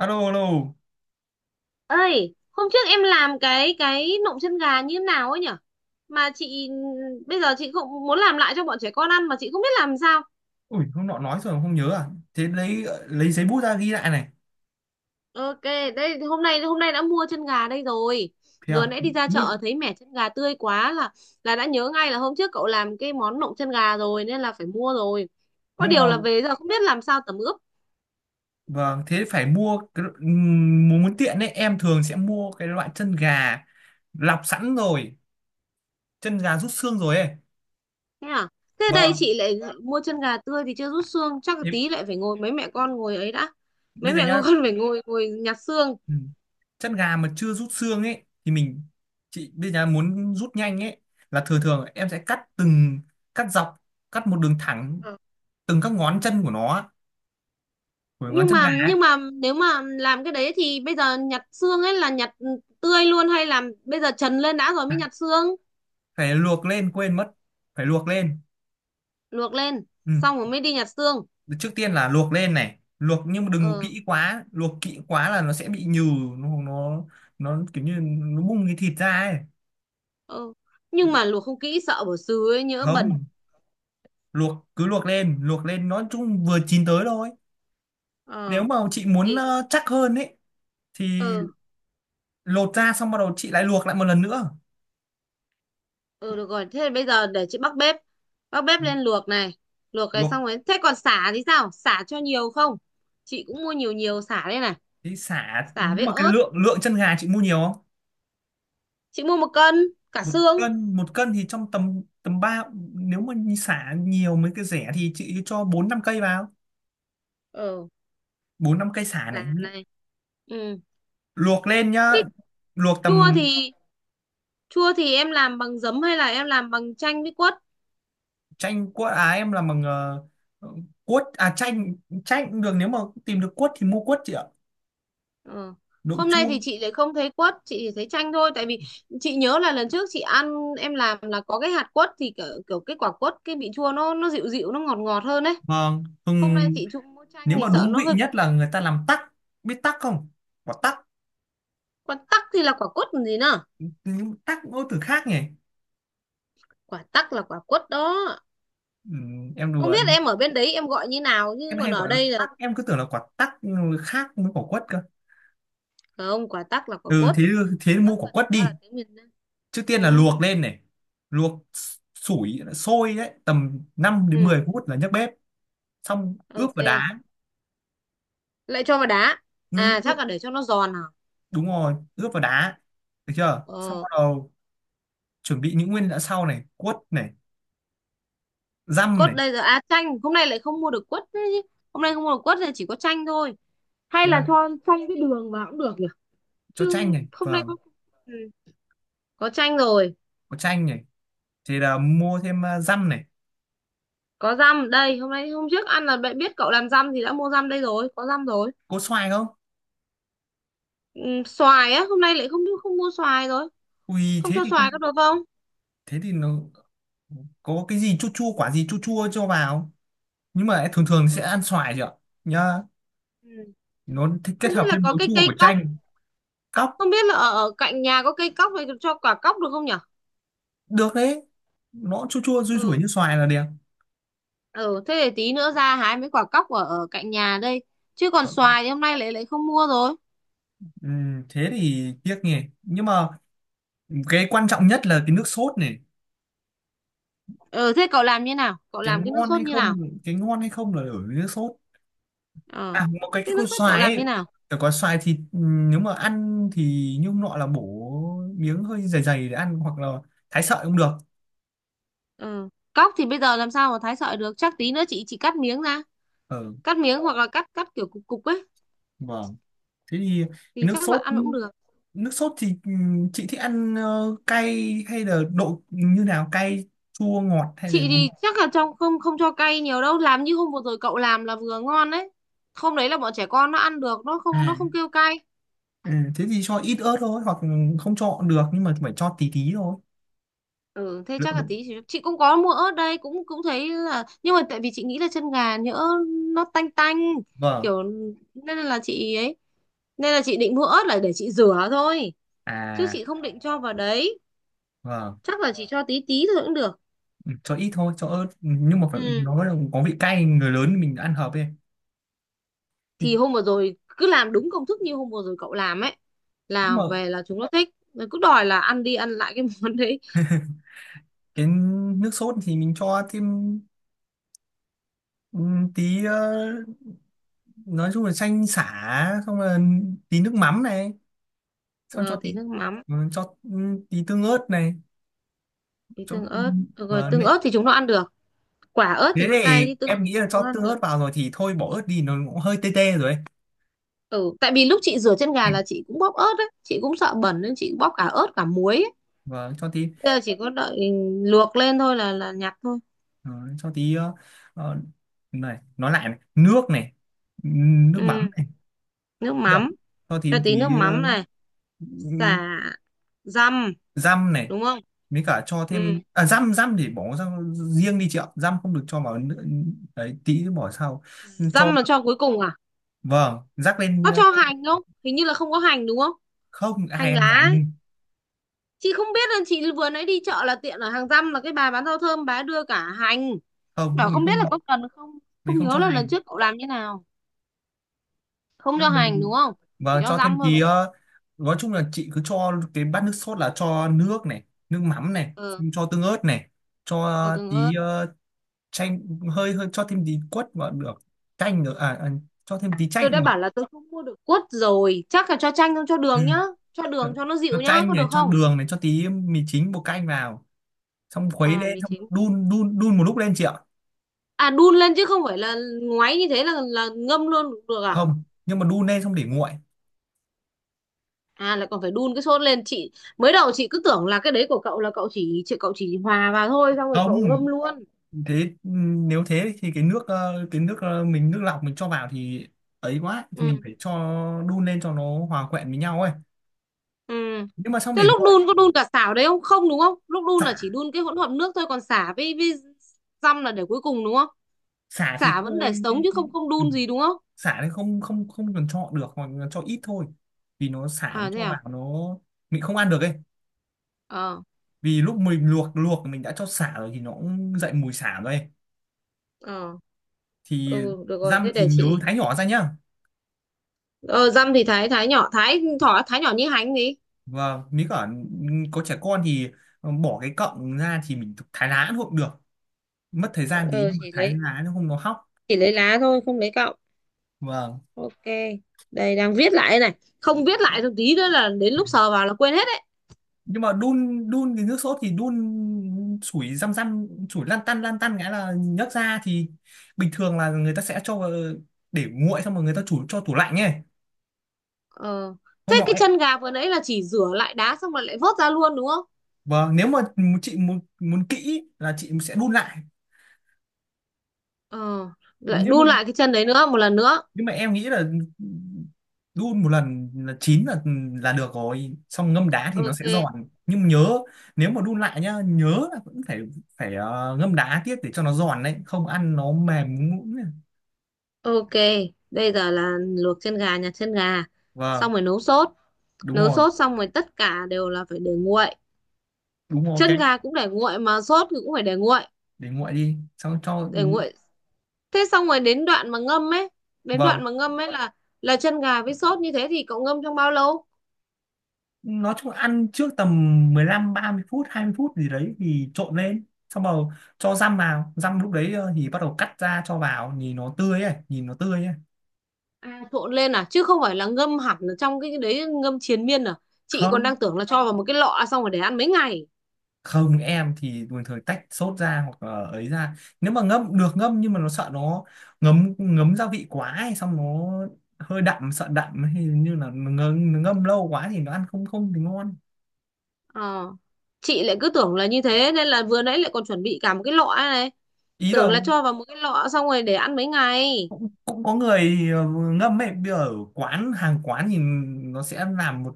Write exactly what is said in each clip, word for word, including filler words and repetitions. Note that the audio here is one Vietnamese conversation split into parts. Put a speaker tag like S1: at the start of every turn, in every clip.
S1: Alo, alo.
S2: Ơi hôm trước em làm cái cái nộm chân gà như thế nào ấy nhở mà chị, bây giờ chị cũng muốn làm lại cho bọn trẻ con ăn mà chị không biết làm sao.
S1: Ui, hôm nọ nói rồi mà không nhớ à? Thế lấy lấy giấy bút ra ghi lại này.
S2: Ok, đây hôm nay hôm nay đã mua chân gà đây rồi.
S1: Thế
S2: Vừa
S1: à?
S2: nãy đi ra chợ
S1: nhưng
S2: thấy mẻ chân gà tươi quá, là là đã nhớ ngay là hôm trước cậu làm cái món nộm chân gà rồi nên là phải mua rồi. Có
S1: nhưng
S2: điều
S1: mà
S2: là về giờ không biết làm sao tẩm ướp.
S1: vâng, thế phải mua cái ừm, muốn muốn tiện ấy em thường sẽ mua cái loại chân gà lọc sẵn rồi, chân gà rút xương rồi ấy.
S2: Thế à? Thế đây
S1: Vâng,
S2: chị lại mua chân gà tươi thì chưa rút xương, chắc là
S1: thế
S2: tí lại phải ngồi mấy mẹ con ngồi ấy đã. Mấy
S1: bây giờ
S2: mẹ con
S1: nhá.
S2: phải ngồi ngồi nhặt xương.
S1: Ừ, chân gà mà chưa rút xương ấy thì mình, chị bây giờ muốn rút nhanh ấy, là thường thường em sẽ cắt từng, cắt dọc, cắt một đường thẳng từng các ngón chân của nó, của ngón
S2: nhưng
S1: chân
S2: mà
S1: gà ấy.
S2: nhưng mà nếu mà làm cái đấy thì bây giờ nhặt xương ấy, là nhặt tươi luôn hay làm bây giờ trần lên đã rồi
S1: À,
S2: mới nhặt xương?
S1: phải luộc lên, quên mất, phải luộc lên.
S2: Luộc lên
S1: Ừ.
S2: xong rồi mới đi nhặt xương.
S1: Trước tiên là luộc lên này, luộc nhưng mà đừng có
S2: Ờ.
S1: kỹ quá, luộc kỹ quá là nó sẽ bị nhừ. nó nó nó kiểu như nó bung cái thịt ra ấy.
S2: Ờ, nhưng mà luộc không kỹ sợ bỏ xứ ấy, nhỡ bẩn.
S1: Không, luộc cứ luộc lên, luộc lên nó chung vừa chín tới thôi. Nếu
S2: Ờ
S1: mà chị muốn
S2: thì.
S1: ờ, chắc hơn ấy thì
S2: Ờ.
S1: lột ra, xong bắt đầu chị lại luộc lại một lần nữa.
S2: Ờ, được rồi, thế bây giờ để chị bắc bếp, bắc bếp
S1: Ừ,
S2: lên luộc này. Luộc cái
S1: luộc
S2: xong rồi thế còn sả thì sao, sả cho nhiều không? Chị cũng mua nhiều nhiều sả đây này.
S1: thì xả.
S2: Sả
S1: Nhưng
S2: với
S1: mà cái
S2: ớt.
S1: lượng lượng chân gà chị mua nhiều không?
S2: Chị mua một cân cả
S1: Một
S2: xương.
S1: cân. Một cân thì trong tầm tầm ba, nếu mà xả nhiều mấy cái rẻ thì chị cho bốn năm cây vào,
S2: Ờ,
S1: bốn năm cây xả này.
S2: sả này. Ừ.
S1: Luộc lên nhá,
S2: Thế
S1: luộc
S2: chua
S1: tầm.
S2: thì, chua thì em làm bằng giấm hay là em làm bằng chanh với quất?
S1: Chanh cuốt à, em làm bằng ờ, cuốt à? Chanh, chanh cũng được. Nếu mà tìm được cuốt thì mua cuốt chị ạ,
S2: Ờ.
S1: đậu
S2: Hôm nay thì
S1: chua.
S2: chị lại không thấy quất, chị chỉ thấy chanh thôi. Tại vì chị nhớ là lần trước chị ăn em làm là có cái hạt quất thì kiểu, kiểu cái quả quất, cái vị chua nó nó dịu dịu, nó ngọt ngọt hơn đấy.
S1: Vâng,
S2: Hôm nay
S1: hừng.
S2: chị trụng mua chanh
S1: Nếu
S2: thì
S1: mà
S2: sợ
S1: đúng
S2: nó
S1: vị
S2: hơi bị
S1: nhất là
S2: gắt.
S1: người ta làm tắc, biết tắc không, quả tắc.
S2: Quả tắc thì là quả quất còn gì nữa?
S1: Nhưng tắc ngôn từ khác nhỉ.
S2: Quả tắc là quả quất đó.
S1: Ừ, em
S2: Không
S1: đùa.
S2: biết em ở bên đấy em gọi như nào chứ
S1: Em
S2: còn
S1: hay
S2: ở
S1: gọi là
S2: đây là
S1: tắc, em cứ tưởng là quả tắc khác với quả quất cơ.
S2: không, quả tắc là quả
S1: Ừ, thế
S2: quất. Quả
S1: thế mua
S2: tắc
S1: quả
S2: là chẳng
S1: quất
S2: qua là
S1: đi.
S2: tiếng miền Nam.
S1: Trước tiên là
S2: Ừ.
S1: luộc lên này, luộc sủi sôi đấy tầm năm đến
S2: Ừ.
S1: mười phút là nhấc bếp, xong ướp
S2: Ok.
S1: vào đá.
S2: Lại cho vào đá,
S1: Ừ,
S2: à
S1: ướp,
S2: chắc là để cho nó giòn hả?
S1: đúng rồi, ướp vào đá. Được chưa, xong
S2: ờ,
S1: bắt đầu chuẩn bị những nguyên liệu sau này: quất này, dăm
S2: Quất
S1: này.
S2: đây giờ à, chanh hôm nay lại không mua được quất đấy chứ. Hôm nay không mua được quất thì chỉ có chanh thôi, hay
S1: Thế
S2: là
S1: là
S2: cho chanh với đường vào cũng được nhỉ?
S1: cho chanh
S2: Chứ
S1: này,
S2: hôm nay
S1: vâng,
S2: có, ừ, có chanh rồi.
S1: có chanh này, thì là mua thêm à, dăm này.
S2: Có dăm đây, hôm nay hôm trước ăn là bạn biết cậu làm dăm thì đã mua dăm đây rồi, có dăm rồi.
S1: Có xoài không?
S2: Ừ, xoài á, hôm nay lại không không mua xoài rồi.
S1: Ui,
S2: Không
S1: thế
S2: cho
S1: thì
S2: xoài có
S1: không.
S2: được không?
S1: Thế thì nó, có cái gì chua chua, quả gì chua chua cho vào. Nhưng mà thường thường sẽ ăn xoài chưa nhá,
S2: Ừ.
S1: nó thích
S2: Không
S1: kết
S2: biết
S1: hợp
S2: là
S1: thêm
S2: có
S1: màu
S2: cái
S1: chua
S2: cây
S1: của
S2: cóc,
S1: chanh. Cóc
S2: không biết là ở, ở cạnh nhà có cây cóc này, cho quả cóc được không nhỉ?
S1: được đấy, nó chua chua rui rủi
S2: Ừ.
S1: như xoài là đẹp.
S2: Ừ, thế để tí nữa ra hái mấy quả cóc ở, ở cạnh nhà đây, chứ còn
S1: Ờ,
S2: xoài thì hôm nay lại lại không mua rồi.
S1: ừm, thế thì tiếc nhỉ. Nhưng mà cái quan trọng nhất là cái nước sốt này.
S2: Ừ, thế cậu làm như nào, cậu
S1: Cái
S2: làm cái nước
S1: ngon
S2: sốt
S1: hay
S2: như nào?
S1: không, cái ngon hay không là ở nước sốt.
S2: Ờ.
S1: À, một cái cái
S2: Thế nước
S1: con
S2: sốt cậu
S1: xoài
S2: làm như
S1: ấy,
S2: nào?
S1: phải có xoài thì ừm, nếu mà ăn thì nhung nọ là bổ miếng hơi dày dày để ăn, hoặc là thái sợi cũng được.
S2: Ừ, cóc thì bây giờ làm sao mà thái sợi được, chắc tí nữa chị chị cắt miếng ra.
S1: Ờ,
S2: Cắt miếng hoặc là cắt cắt kiểu cục cục ấy
S1: vâng, thế thì cái
S2: thì
S1: nước
S2: chắc là
S1: sốt.
S2: ăn cũng được.
S1: Nước sốt thì ừm, chị thích ăn ờ, cay hay là độ như nào, cay chua ngọt hay là?
S2: Chị thì chắc là trong, không không cho cay nhiều đâu, làm như hôm vừa rồi cậu làm là vừa ngon đấy. Hôm đấy là bọn trẻ con nó ăn được, nó không nó
S1: À,
S2: không kêu cay.
S1: ừ, thế thì cho ít ớt thôi, hoặc không cho được, nhưng mà phải cho tí tí thôi.
S2: Ừ, thế chắc
S1: Lượng
S2: là
S1: độ.
S2: tí chị, chị cũng có mua ớt đây, cũng cũng thấy là, nhưng mà tại vì chị nghĩ là chân gà nhỡ nó tanh tanh
S1: Vâng.
S2: kiểu, nên là chị ấy, nên là chị định mua ớt là để chị rửa thôi, chứ
S1: À,
S2: chị không định cho vào đấy.
S1: vâng.
S2: Chắc là chị cho tí tí thôi cũng được.
S1: Ừ, cho ít thôi, cho ớt. Ừ, nhưng mà phải
S2: Ừ.
S1: nó là có vị cay người lớn mình ăn hợp ấy.
S2: Thì
S1: Thì-
S2: hôm vừa rồi cứ làm đúng công thức như hôm vừa rồi cậu làm ấy,
S1: nhưng
S2: là
S1: mà
S2: về là chúng nó thích rồi, cứ đòi là ăn đi ăn lại cái món đấy.
S1: cái nước sốt thì mình cho thêm ừm, tí ờ, nói chung là chanh sả xong là tí nước mắm này, xong
S2: Ờ,
S1: cho tí,
S2: tí nước mắm.
S1: ừ, cho, ừ, tí tương ớt này.
S2: Tí
S1: Cho
S2: tương ớt. Ờ, rồi
S1: và
S2: tương
S1: nệ-
S2: ớt thì chúng nó ăn được. Quả ớt
S1: thế
S2: thì nó
S1: thì
S2: cay chứ tương
S1: em
S2: ớt
S1: nghĩ là
S2: chúng nó
S1: cho tương
S2: ăn được.
S1: ớt vào rồi thì thôi bỏ ớt đi, nó cũng hơi tê tê rồi ấy.
S2: Ừ, tại vì lúc chị rửa chân gà là chị cũng bóp ớt đấy, chị cũng sợ bẩn nên chị bóp cả ớt cả muối ấy.
S1: Và cho tí
S2: Bây giờ chỉ có đợi luộc lên thôi là là nhặt thôi.
S1: ờ, cho tí ờ, ờ, này, nói lại này. Nước này, ừ, nước mắm
S2: Ừ,
S1: này.
S2: nước
S1: Được,
S2: mắm,
S1: cho tí
S2: cho tí nước
S1: tí ờ,
S2: mắm này, xả, dăm,
S1: răm này.
S2: đúng không?
S1: Mới cả cho
S2: Ừ,
S1: thêm à, dăm răm thì bỏ ra riêng đi chị ạ, răm không được cho vào nữa. Đấy, tí nữa bỏ sau. Cho,
S2: dăm là cho cuối cùng à?
S1: vâng, rắc lên
S2: Có
S1: ờ,
S2: cho hành không? Hình như là không có hành đúng không?
S1: không ai
S2: Hành
S1: ăn
S2: lá. Ấy.
S1: hành.
S2: Chị không biết là chị vừa nãy đi chợ là tiện ở hàng răm là cái bà bán rau thơm bà ấy đưa cả hành.
S1: Không,
S2: Bảo
S1: mình
S2: không biết là
S1: không
S2: có cần không?
S1: mình
S2: Không
S1: không
S2: nhớ
S1: cho
S2: là lần
S1: hành.
S2: trước cậu làm như nào. Không
S1: Đó,
S2: cho hành đúng
S1: mình,
S2: không, chỉ
S1: và
S2: cho
S1: cho thêm
S2: răm thôi
S1: tí
S2: đúng không?
S1: ờ, nói chung là chị cứ cho cái bát nước sốt là cho nước này, nước mắm này,
S2: Ờ.
S1: xong cho tương ớt này, cho
S2: Cho tương ớt.
S1: tí ờ, chanh, hơi hơi cho thêm tí quất vào được, chanh nữa à, à, cho thêm tí
S2: Tôi
S1: chanh
S2: đã
S1: được.
S2: bảo là tôi không mua được quất rồi, chắc là cho chanh không, cho
S1: Ừ.
S2: đường nhá. Cho đường
S1: cho
S2: cho nó
S1: cho
S2: dịu nhá,
S1: chanh
S2: có
S1: này,
S2: được
S1: cho
S2: không?
S1: đường này, cho tí mì chính, bột canh vào, xong khuấy
S2: Ờ,
S1: lên,
S2: mì
S1: xong
S2: chính.
S1: đun đun đun một lúc lên chị ạ.
S2: À đun lên chứ không phải là ngoáy như thế là là ngâm luôn cũng được à?
S1: Không, nhưng mà đun lên xong để nguội.
S2: À lại còn phải đun cái sốt lên chị, mới đầu chị cứ tưởng là cái đấy của cậu là cậu chỉ chị, cậu chỉ hòa vào thôi xong rồi cậu ngâm
S1: Không,
S2: luôn.
S1: thế nếu thế thì cái nước ờ, cái nước ờ, mình nước lọc mình cho vào thì, ấy quá thì mình
S2: Ừ.
S1: phải cho đun lên cho nó hòa quyện với nhau ấy.
S2: Ừ,
S1: Nhưng mà xong
S2: thế
S1: để
S2: lúc
S1: nguội.
S2: đun có đun cả xả vào đấy không, không đúng không, lúc đun
S1: Xả
S2: là chỉ đun cái hỗn hợp nước thôi, còn xả với với dăm là để cuối cùng đúng không?
S1: Xả thì
S2: Sả vẫn để
S1: thôi.
S2: sống chứ không, không
S1: Ừ,
S2: đun gì đúng không?
S1: xả thì không không không cần cho được, hoặc là cho ít thôi. Vì nó xả nó
S2: À thế
S1: cho
S2: à?
S1: vào nó, mình không ăn được ấy.
S2: Ờ.
S1: Vì lúc mình luộc luộc mình đã cho xả rồi thì nó cũng dậy mùi xả rồi ấy.
S2: Ờ.
S1: Thì
S2: Ừ, được rồi,
S1: răm
S2: thế
S1: thì
S2: để
S1: nhớ
S2: chị.
S1: thái nhỏ ra nhá.
S2: Ờ dăm thì thái thái nhỏ, thái thỏ thái nhỏ như hành gì?
S1: Và nếu cả có trẻ con thì ờ, bỏ cái cọng ra thì mình thái lá cũng được, mất thời gian tí
S2: Ờ
S1: nhưng mà
S2: chỉ
S1: thái
S2: lấy,
S1: lá nó không nó hóc.
S2: chỉ lấy lá thôi, không lấy cọng.
S1: Vâng,
S2: Ok. Đây đang viết lại đây này. Không viết lại một tí nữa là đến lúc sờ vào là quên hết đấy.
S1: nhưng mà đun đun cái nước sốt thì đun sủi răm răm, sủi lăn tăn lăn tăn nghĩa là nhấc ra. Thì bình thường là người ta sẽ cho vào để nguội, xong rồi người ta chủ cho tủ lạnh ấy,
S2: Ờ. Thế
S1: không nọ
S2: cái
S1: ấy.
S2: chân gà vừa nãy là chỉ rửa lại đá xong rồi lại vớt ra luôn đúng không?
S1: Vâng, nếu mà chị muốn muốn kỹ là chị sẽ đun lại.
S2: Ờ, lại
S1: Nếu mà
S2: đun lại cái chân đấy nữa một lần nữa.
S1: nhưng mà em nghĩ là đun một lần là chín là là được rồi, xong ngâm đá thì nó sẽ
S2: Ok.
S1: giòn. Nhưng nhớ, nếu mà đun lại nhá, nhớ là vẫn phải phải ờ, ngâm đá tiếp để cho nó giòn đấy, không ăn nó mềm nhũn nhũn này.
S2: Ok, bây giờ là luộc chân gà, nhặt chân gà,
S1: Vâng.
S2: xong rồi nấu sốt.
S1: Đúng
S2: Nấu
S1: rồi.
S2: sốt xong rồi tất cả đều là phải để nguội.
S1: Đúng rồi.
S2: Chân
S1: Ok,
S2: gà cũng để nguội mà sốt thì cũng phải để nguội,
S1: để nguội đi xong cho.
S2: để nguội. Thế xong rồi đến đoạn mà ngâm ấy, đến đoạn
S1: Vâng,
S2: mà ngâm ấy là là chân gà với sốt như thế thì cậu ngâm trong bao lâu?
S1: nói chung là ăn trước tầm mười lăm, ba mươi phút, hai mươi phút gì đấy thì trộn lên, xong rồi cho răm vào, răm lúc đấy ờ, thì bắt đầu cắt ra cho vào, nhìn nó tươi ấy, nhìn nó tươi ấy.
S2: À, trộn lên à, chứ không phải là ngâm hẳn ở trong cái đấy ngâm triền miên à. Chị còn
S1: Không
S2: đang tưởng là cho vào một cái lọ xong rồi để ăn mấy ngày.
S1: Không, em thì bình thường tách sốt ra, hoặc là ấy ra. Nếu mà ngâm được ngâm, nhưng mà nó sợ nó ngấm ngấm gia vị quá, hay xong nó hơi đậm, sợ đậm, hay như là ngâm, ngâm lâu quá thì nó ăn không, không thì ngon.
S2: Ờ. Chị lại cứ tưởng là như thế nên là vừa nãy lại còn chuẩn bị cả một cái lọ này.
S1: Ý
S2: Tưởng
S1: là
S2: là cho vào một cái lọ xong rồi để ăn mấy ngày.
S1: cũng có người ờ, ngâm ấy. Bây giờ ở quán, hàng quán thì nó sẽ làm một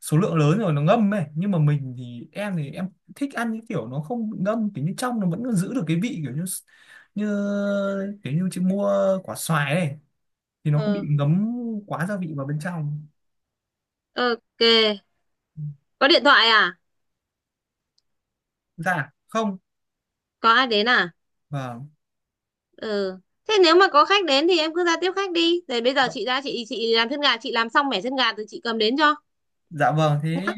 S1: số lượng lớn rồi nó ngâm ấy. Nhưng mà mình thì, em thì em thích ăn những kiểu nó không bị ngâm, kiểu như trong nó vẫn giữ được cái vị, kiểu như, như, kiểu như chị mua quả xoài ấy thì nó không bị
S2: Ừ.
S1: ngấm quá gia vị vào bên trong.
S2: Ok. Có điện thoại à?
S1: Dạ không.
S2: Có ai đến à?
S1: Vâng.
S2: Ừ. Thế nếu mà có khách đến thì em cứ ra tiếp khách đi. Rồi bây giờ chị ra, chị chị làm chân gà, chị làm xong mẻ chân gà rồi chị cầm đến cho
S1: Dạ vâng, thế
S2: nhá.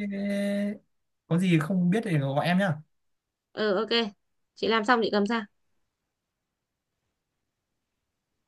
S1: có gì không biết thì gọi em nhá.
S2: Ừ ok. Chị làm xong chị cầm ra.